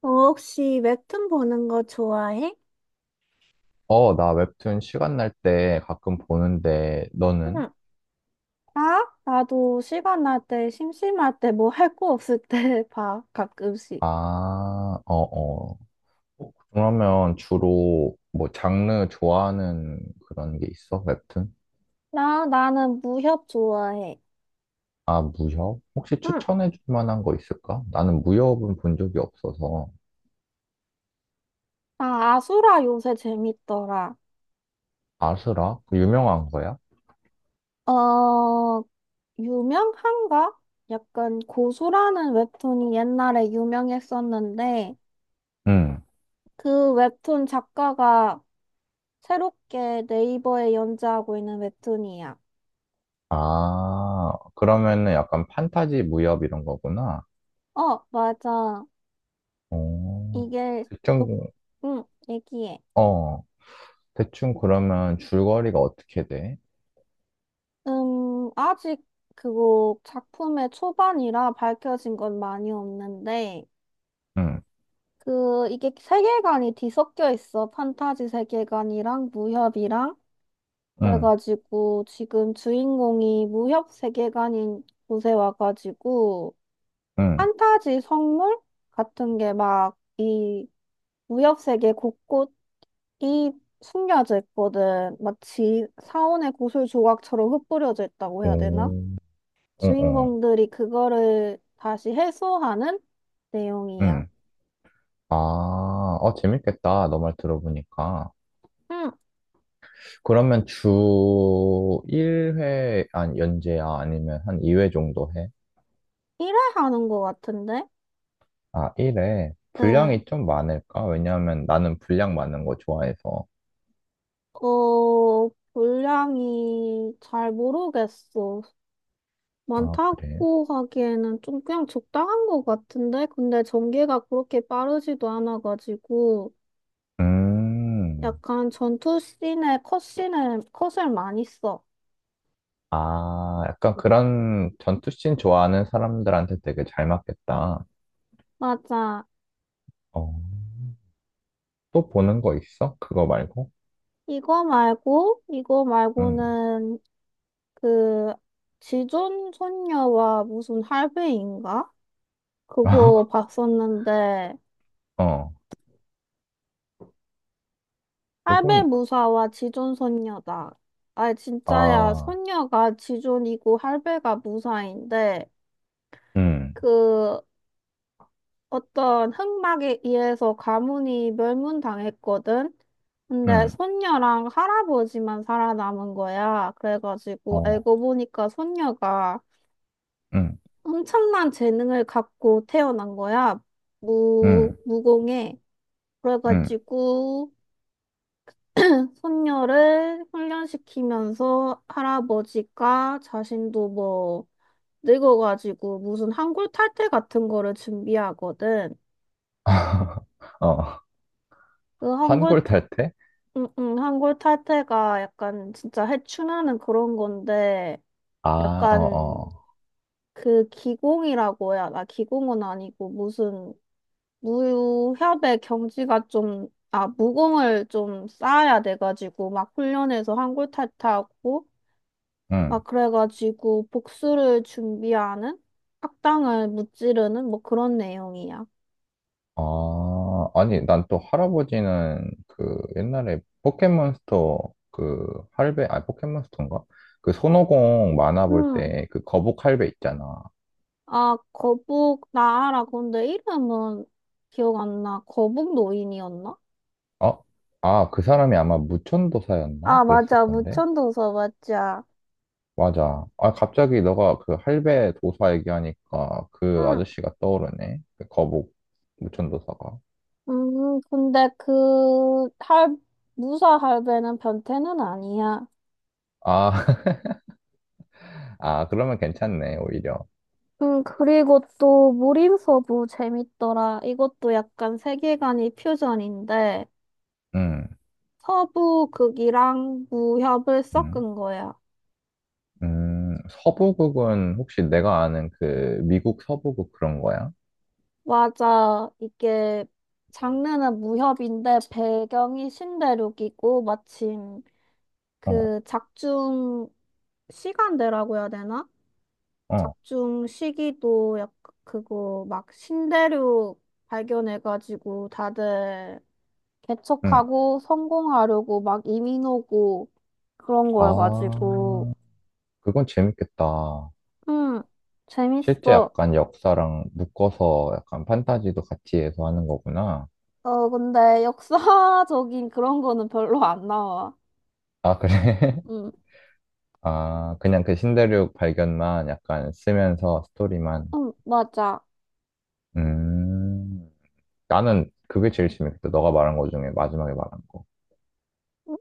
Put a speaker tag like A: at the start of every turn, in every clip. A: 너 혹시 웹툰 보는 거 좋아해?
B: 어, 나 웹툰 시간 날 때 가끔 보는데, 너는?
A: 응, 나? 나도 시간 날 때, 심심할 때, 뭐 할 거 없을 때 봐, 가끔씩.
B: 아, 어, 어. 어, 그러면 주로 뭐 장르 좋아하는 그런 게 있어? 웹툰?
A: 나는 무협 좋아해.
B: 아, 무협? 혹시
A: 응,
B: 추천해 줄 만한 거 있을까? 나는 무협은 본 적이 없어서.
A: 나 아수라 요새 재밌더라.
B: 아스라? 그 유명한 거야?
A: 어, 유명한가? 약간 고수라는 웹툰이 옛날에 유명했었는데,
B: 응.
A: 그 웹툰 작가가 새롭게 네이버에 연재하고 있는 웹툰이야.
B: 아, 그러면은 약간 판타지 무협 이런 거구나.
A: 어, 맞아.
B: 어,
A: 이게 녹,
B: 대충,
A: 얘기해.
B: 어, 대충 그러면 줄거리가 어떻게 돼?
A: 아직 그거 작품의 초반이라 밝혀진 건 많이 없는데,
B: 응,
A: 그, 이게 세계관이 뒤섞여 있어. 판타지 세계관이랑 무협이랑.
B: 응.
A: 그래가지고 지금 주인공이 무협 세계관인 곳에 와가지고,
B: 응.
A: 판타지 선물 같은 게 막 이 무협 세계 곳곳이 숨겨져 있거든. 마치 사원의 구슬 조각처럼 흩뿌려져 있다고 해야 되나?
B: 오, 응, 응,
A: 주인공들이 그거를 다시 해소하는 내용이야.
B: 응. 아, 어, 재밌겠다. 너 말 들어보니까.
A: 응,
B: 그러면 주 1회, 아니, 연재야? 아니면 한 2회 정도 해?
A: 1회 하는 것 같은데?
B: 아, 1회.
A: 응,
B: 분량이 좀 많을까? 왜냐하면 나는 분량 많은 거 좋아해서.
A: 어, 분량이 잘 모르겠어.
B: 아, 그래?
A: 많다고 하기에는 좀 그냥 적당한 것 같은데? 근데 전개가 그렇게 빠르지도 않아가지고
B: 음.
A: 약간 전투 씬에 컷씬에 컷을 많이 써.
B: 아, 약간 그런 전투씬 좋아하는 사람들한테 되게 잘 맞겠다.
A: 맞아.
B: 어, 또 보는 거 있어? 그거 말고?
A: 이거 말고, 이거
B: 응.
A: 말고는 그 지존 손녀와 무슨 할배인가? 그거 봤었는데
B: 어,
A: 할배
B: 그건,
A: 무사와 지존 손녀다. 아, 진짜야.
B: 아.
A: 손녀가 지존이고 할배가 무사인데
B: 음,
A: 그 어떤 흑막에 의해서 가문이 멸문당했거든. 근데
B: 음,
A: 손녀랑 할아버지만 살아남은 거야. 그래가지고
B: 어,
A: 알고 보니까 손녀가
B: 음,
A: 엄청난 재능을 갖고 태어난 거야.
B: 음,
A: 무공해.
B: 음.
A: 그래가지고 손녀를 훈련시키면서 할아버지가 자신도 뭐 늙어가지고 무슨 한골 탈태 같은 거를 준비하거든.
B: 어, 한
A: 그
B: 골 탈 때?
A: 응, 응, 한골 탈퇴가 약간 진짜 해충하는 그런 건데,
B: 아, 어,
A: 약간
B: 어,
A: 그 기공이라고 해야, 나 기공은 아니고 무슨 무협의 경지가 좀, 아, 무공을 좀 쌓아야 돼가지고, 막 훈련해서 한골 탈퇴하고, 막
B: 음.
A: 그래가지고 복수를 준비하는 악당을 무찌르는 뭐 그런 내용이야.
B: 아, 아니, 난 또 할아버지는 그 옛날에 포켓몬스터 그 할배, 아니, 포켓몬스터인가? 그 손오공 만화 볼
A: 응.
B: 때 그 거북 할배 있잖아.
A: 아, 거북 나아라. 근데 이름은 기억 안 나. 거북 노인이었나?
B: 어? 아, 그 사람이 아마 무천도사였나?
A: 아,
B: 그랬을
A: 맞아.
B: 건데.
A: 무천도서 맞아.
B: 맞아. 아, 갑자기 너가 그 할배 도사 얘기하니까 그
A: 응.
B: 아저씨가 떠오르네. 그 거북 무천도사가.
A: 근데 그, 무사 할배는 변태는 아니야.
B: 아, 아, 그러면 괜찮네, 오히려.
A: 그리고 또 무림서부 재밌더라. 이것도 약간 세계관이 퓨전인데,
B: 음,
A: 서부 극이랑 무협을
B: 음,
A: 섞은 거야.
B: 서부극은 혹시 내가 아는 그 미국 서부극 그런 거야?
A: 맞아. 이게, 장르는 무협인데, 배경이 신대륙이고, 마침
B: 어,
A: 그 작중 시간대라고 해야 되나?
B: 어,
A: 작중 시기도 약 그거 막 신대륙 발견해가지고 다들
B: 음.
A: 개척하고 성공하려고 막 이민 오고 그런
B: 아,
A: 거여가지고
B: 그건 재밌겠다.
A: 음
B: 실제
A: 재밌어.
B: 약간 역사랑 묶어서 약간 판타지도 같이 해서 하는 거구나.
A: 어, 근데 역사적인 그런 거는 별로 안 나와.
B: 아, 그래?
A: 음,
B: 아, 그냥 그 신대륙 발견만 약간 쓰면서 스토리만.
A: 맞아.
B: 음, 나는 그게 제일 재밌겠다. 너가 말한 거 중에 마지막에 말한 거.
A: 음,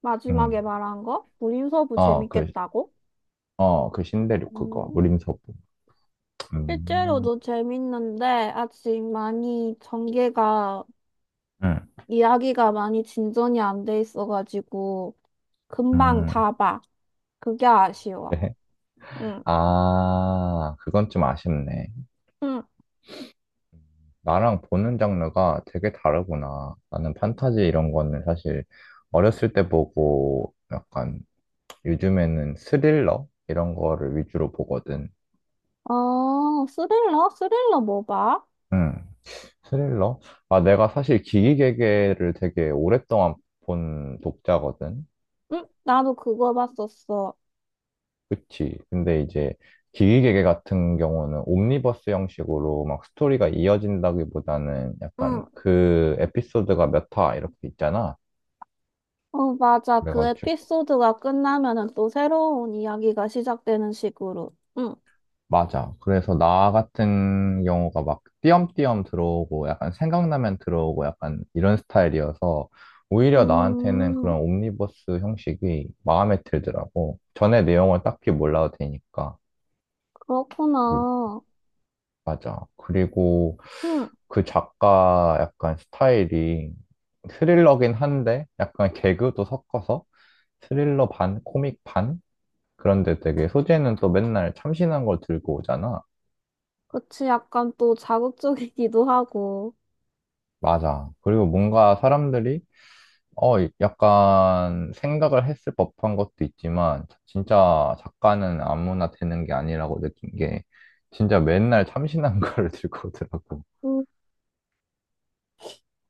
A: 마지막에
B: 음,
A: 말한 거? 무인서부
B: 어, 그,
A: 재밌겠다고?
B: 어, 그 신대륙 그거.
A: 음,
B: 무림서부. 음,
A: 실제로도 재밌는데 아직 많이 전개가
B: 음,
A: 이야기가 많이 진전이 안 돼 있어가지고 금방
B: 음.
A: 다 봐. 그게 아쉬워.
B: 그래.
A: 응.
B: 아, 그건 좀 아쉽네.
A: 응.
B: 나랑 보는 장르가 되게 다르구나. 나는 판타지 이런 거는 사실 어렸을 때 보고 약간 요즘에는 스릴러? 이런 거를 위주로 보거든.
A: 어, 스릴러? 스릴러 뭐 봐?
B: 응. 스릴러? 아, 내가 사실 기기개개를 되게 오랫동안 본 독자거든.
A: 응? 나도 그거 봤었어.
B: 그치. 근데 이제 기기개개 같은 경우는 옴니버스 형식으로 막 스토리가 이어진다기보다는 약간
A: 응.
B: 그 에피소드가 몇 화 이렇게 있잖아.
A: 어, 맞아. 그
B: 그래가지고.
A: 에피소드가 끝나면은 또 새로운 이야기가 시작되는 식으로. 응.
B: 맞아. 그래서 나 같은 경우가 막 띄엄띄엄 들어오고 약간 생각나면 들어오고 약간 이런 스타일이어서 오히려 나한테는
A: 음,
B: 그런 옴니버스 형식이 마음에 들더라고. 전에 내용을 딱히 몰라도 되니까. 음,
A: 그렇구나.
B: 맞아. 그리고
A: 응.
B: 그 작가 약간 스타일이 스릴러긴 한데 약간 개그도 섞어서 스릴러 반, 코믹 반? 그런데 되게 소재는 또 맨날 참신한 걸 들고 오잖아.
A: 그치, 약간 또 자극적이기도 하고.
B: 맞아. 그리고 뭔가 사람들이, 어, 약간 생각을 했을 법한 것도 있지만, 진짜 작가는 아무나 되는 게 아니라고 느낀 게, 진짜 맨날 참신한 걸 들고 오더라고.
A: 응.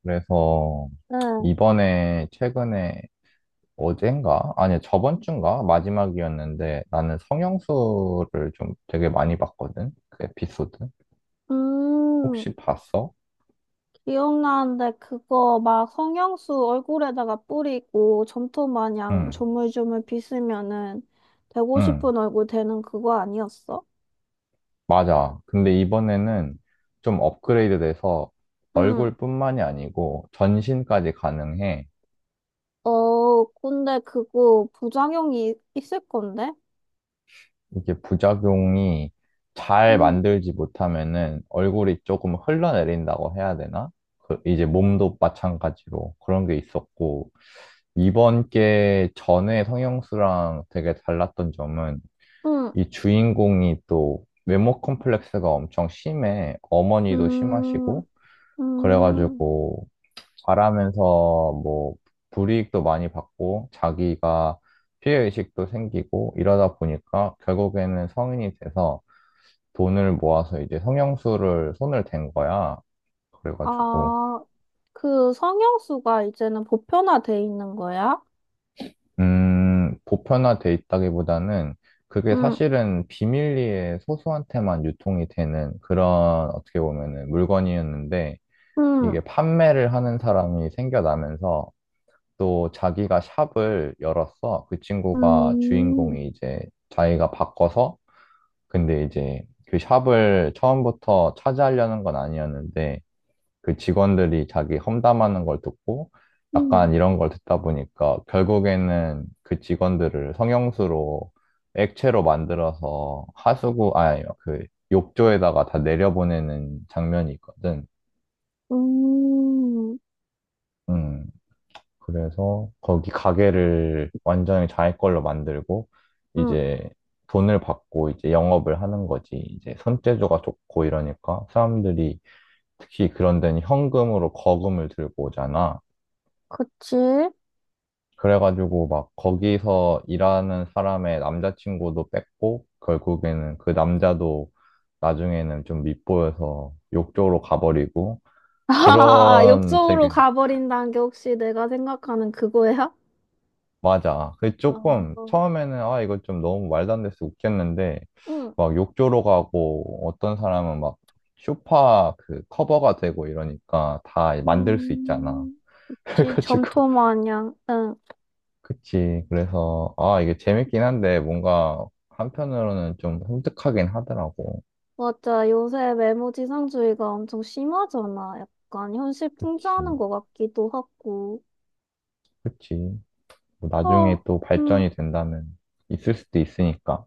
B: 그래서,
A: 응.
B: 이번에, 최근에, 어젠가? 아니, 저번 주인가? 마지막이었는데, 나는 성형수를 좀 되게 많이 봤거든? 그 에피소드.
A: 음.
B: 혹시 봤어?
A: 기억나는데 그거 막 성형수 얼굴에다가 뿌리고 점토 마냥
B: 응,
A: 조물조물 빗으면은 되고
B: 응.
A: 싶은 얼굴 되는 그거 아니었어?
B: 맞아. 근데 이번에는 좀 업그레이드 돼서
A: 응.
B: 얼굴뿐만이 아니고 전신까지 가능해.
A: 어, 근데 그거 부작용이 있을 건데?
B: 이게 부작용이 잘
A: 응,
B: 만들지 못하면은 얼굴이 조금 흘러내린다고 해야 되나? 그 이제 몸도 마찬가지로 그런 게 있었고, 이번 게 전에 성형수랑 되게 달랐던 점은
A: 응,
B: 이 주인공이 또 외모 컴플렉스가 엄청 심해. 어머니도
A: 음,
B: 심하시고,
A: 음.
B: 그래가지고 잘하면서 뭐 불이익도 많이 받고 자기가 피해의식도 생기고 이러다 보니까 결국에는 성인이 돼서 돈을 모아서 이제 성형수를 손을 댄 거야. 그래가지고
A: 아, 그 성형수가 이제는 보편화돼 있는 거야?
B: 보편화돼 있다기보다는 그게
A: 응,
B: 사실은 비밀리에 소수한테만 유통이 되는 그런 어떻게 보면은 물건이었는데
A: 응,
B: 이게 판매를 하는 사람이 생겨나면서 또 자기가 샵을 열었어. 그 친구가
A: 음,
B: 주인공이 이제 자기가 바꿔서 근데 이제 그 샵을 처음부터 차지하려는 건 아니었는데 그 직원들이 자기 험담하는 걸 듣고
A: 음,
B: 약간 이런 걸 듣다 보니까 결국에는 그 직원들을 성형수로 액체로 만들어서 하수구 아니 그 욕조에다가 다 내려보내는 장면이 있거든.
A: 음, 음,
B: 음. 그래서 거기 가게를 완전히 자기 걸로 만들고
A: 음,
B: 이제 돈을 받고 이제 영업을 하는 거지. 이제 손재주가 좋고 이러니까 사람들이 특히 그런 데는 현금으로 거금을 들고 오잖아.
A: 그치?
B: 그래가지고 막 거기서 일하는 사람의 남자친구도 뺏고 결국에는 그 남자도 나중에는 좀 밉보여서 욕조로 가버리고
A: 아,
B: 그런 되게
A: 옆쪽으로 가버린다는 게 혹시 내가 생각하는 그거야?
B: 맞아. 그 조금
A: 어,
B: 처음에는 아 이거 좀 너무 말도 안 돼서 웃겼는데
A: 응.
B: 막 욕조로 가고 어떤 사람은 막 쇼파 그 커버가 되고 이러니까 다 만들 수 있잖아.
A: 음, 혹시
B: 그래가지고
A: 점토 마냥, 응.
B: 그치. 그래서 아 이게 재밌긴 한데 뭔가 한편으로는 좀 섬뜩하긴 하더라고.
A: 맞아. 요새 메모지상주의가 엄청 심하잖아. 약간 현실
B: 그치.
A: 풍자하는 것 같기도 하고.
B: 그치. 뭐
A: 어,
B: 나중에 또
A: 음.
B: 발전이 된다면 있을 수도 있으니까.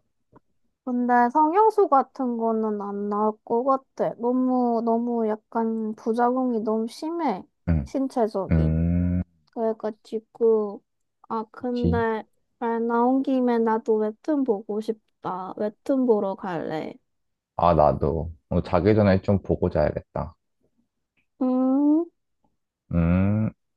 A: 근데 성형수 같은 거는 안 나올 것 같아. 너무, 너무 약간 부작용이 너무 심해.
B: 응.
A: 신체적인.
B: 음.
A: 그래가지고, 아,
B: 그치.
A: 근데 말 나온 김에 나도 웹툰 보고 싶다. 웹툰 보러 갈래.
B: 아 나도 오늘 자기 전에 좀 보고 자야겠다.
A: 음.
B: 음,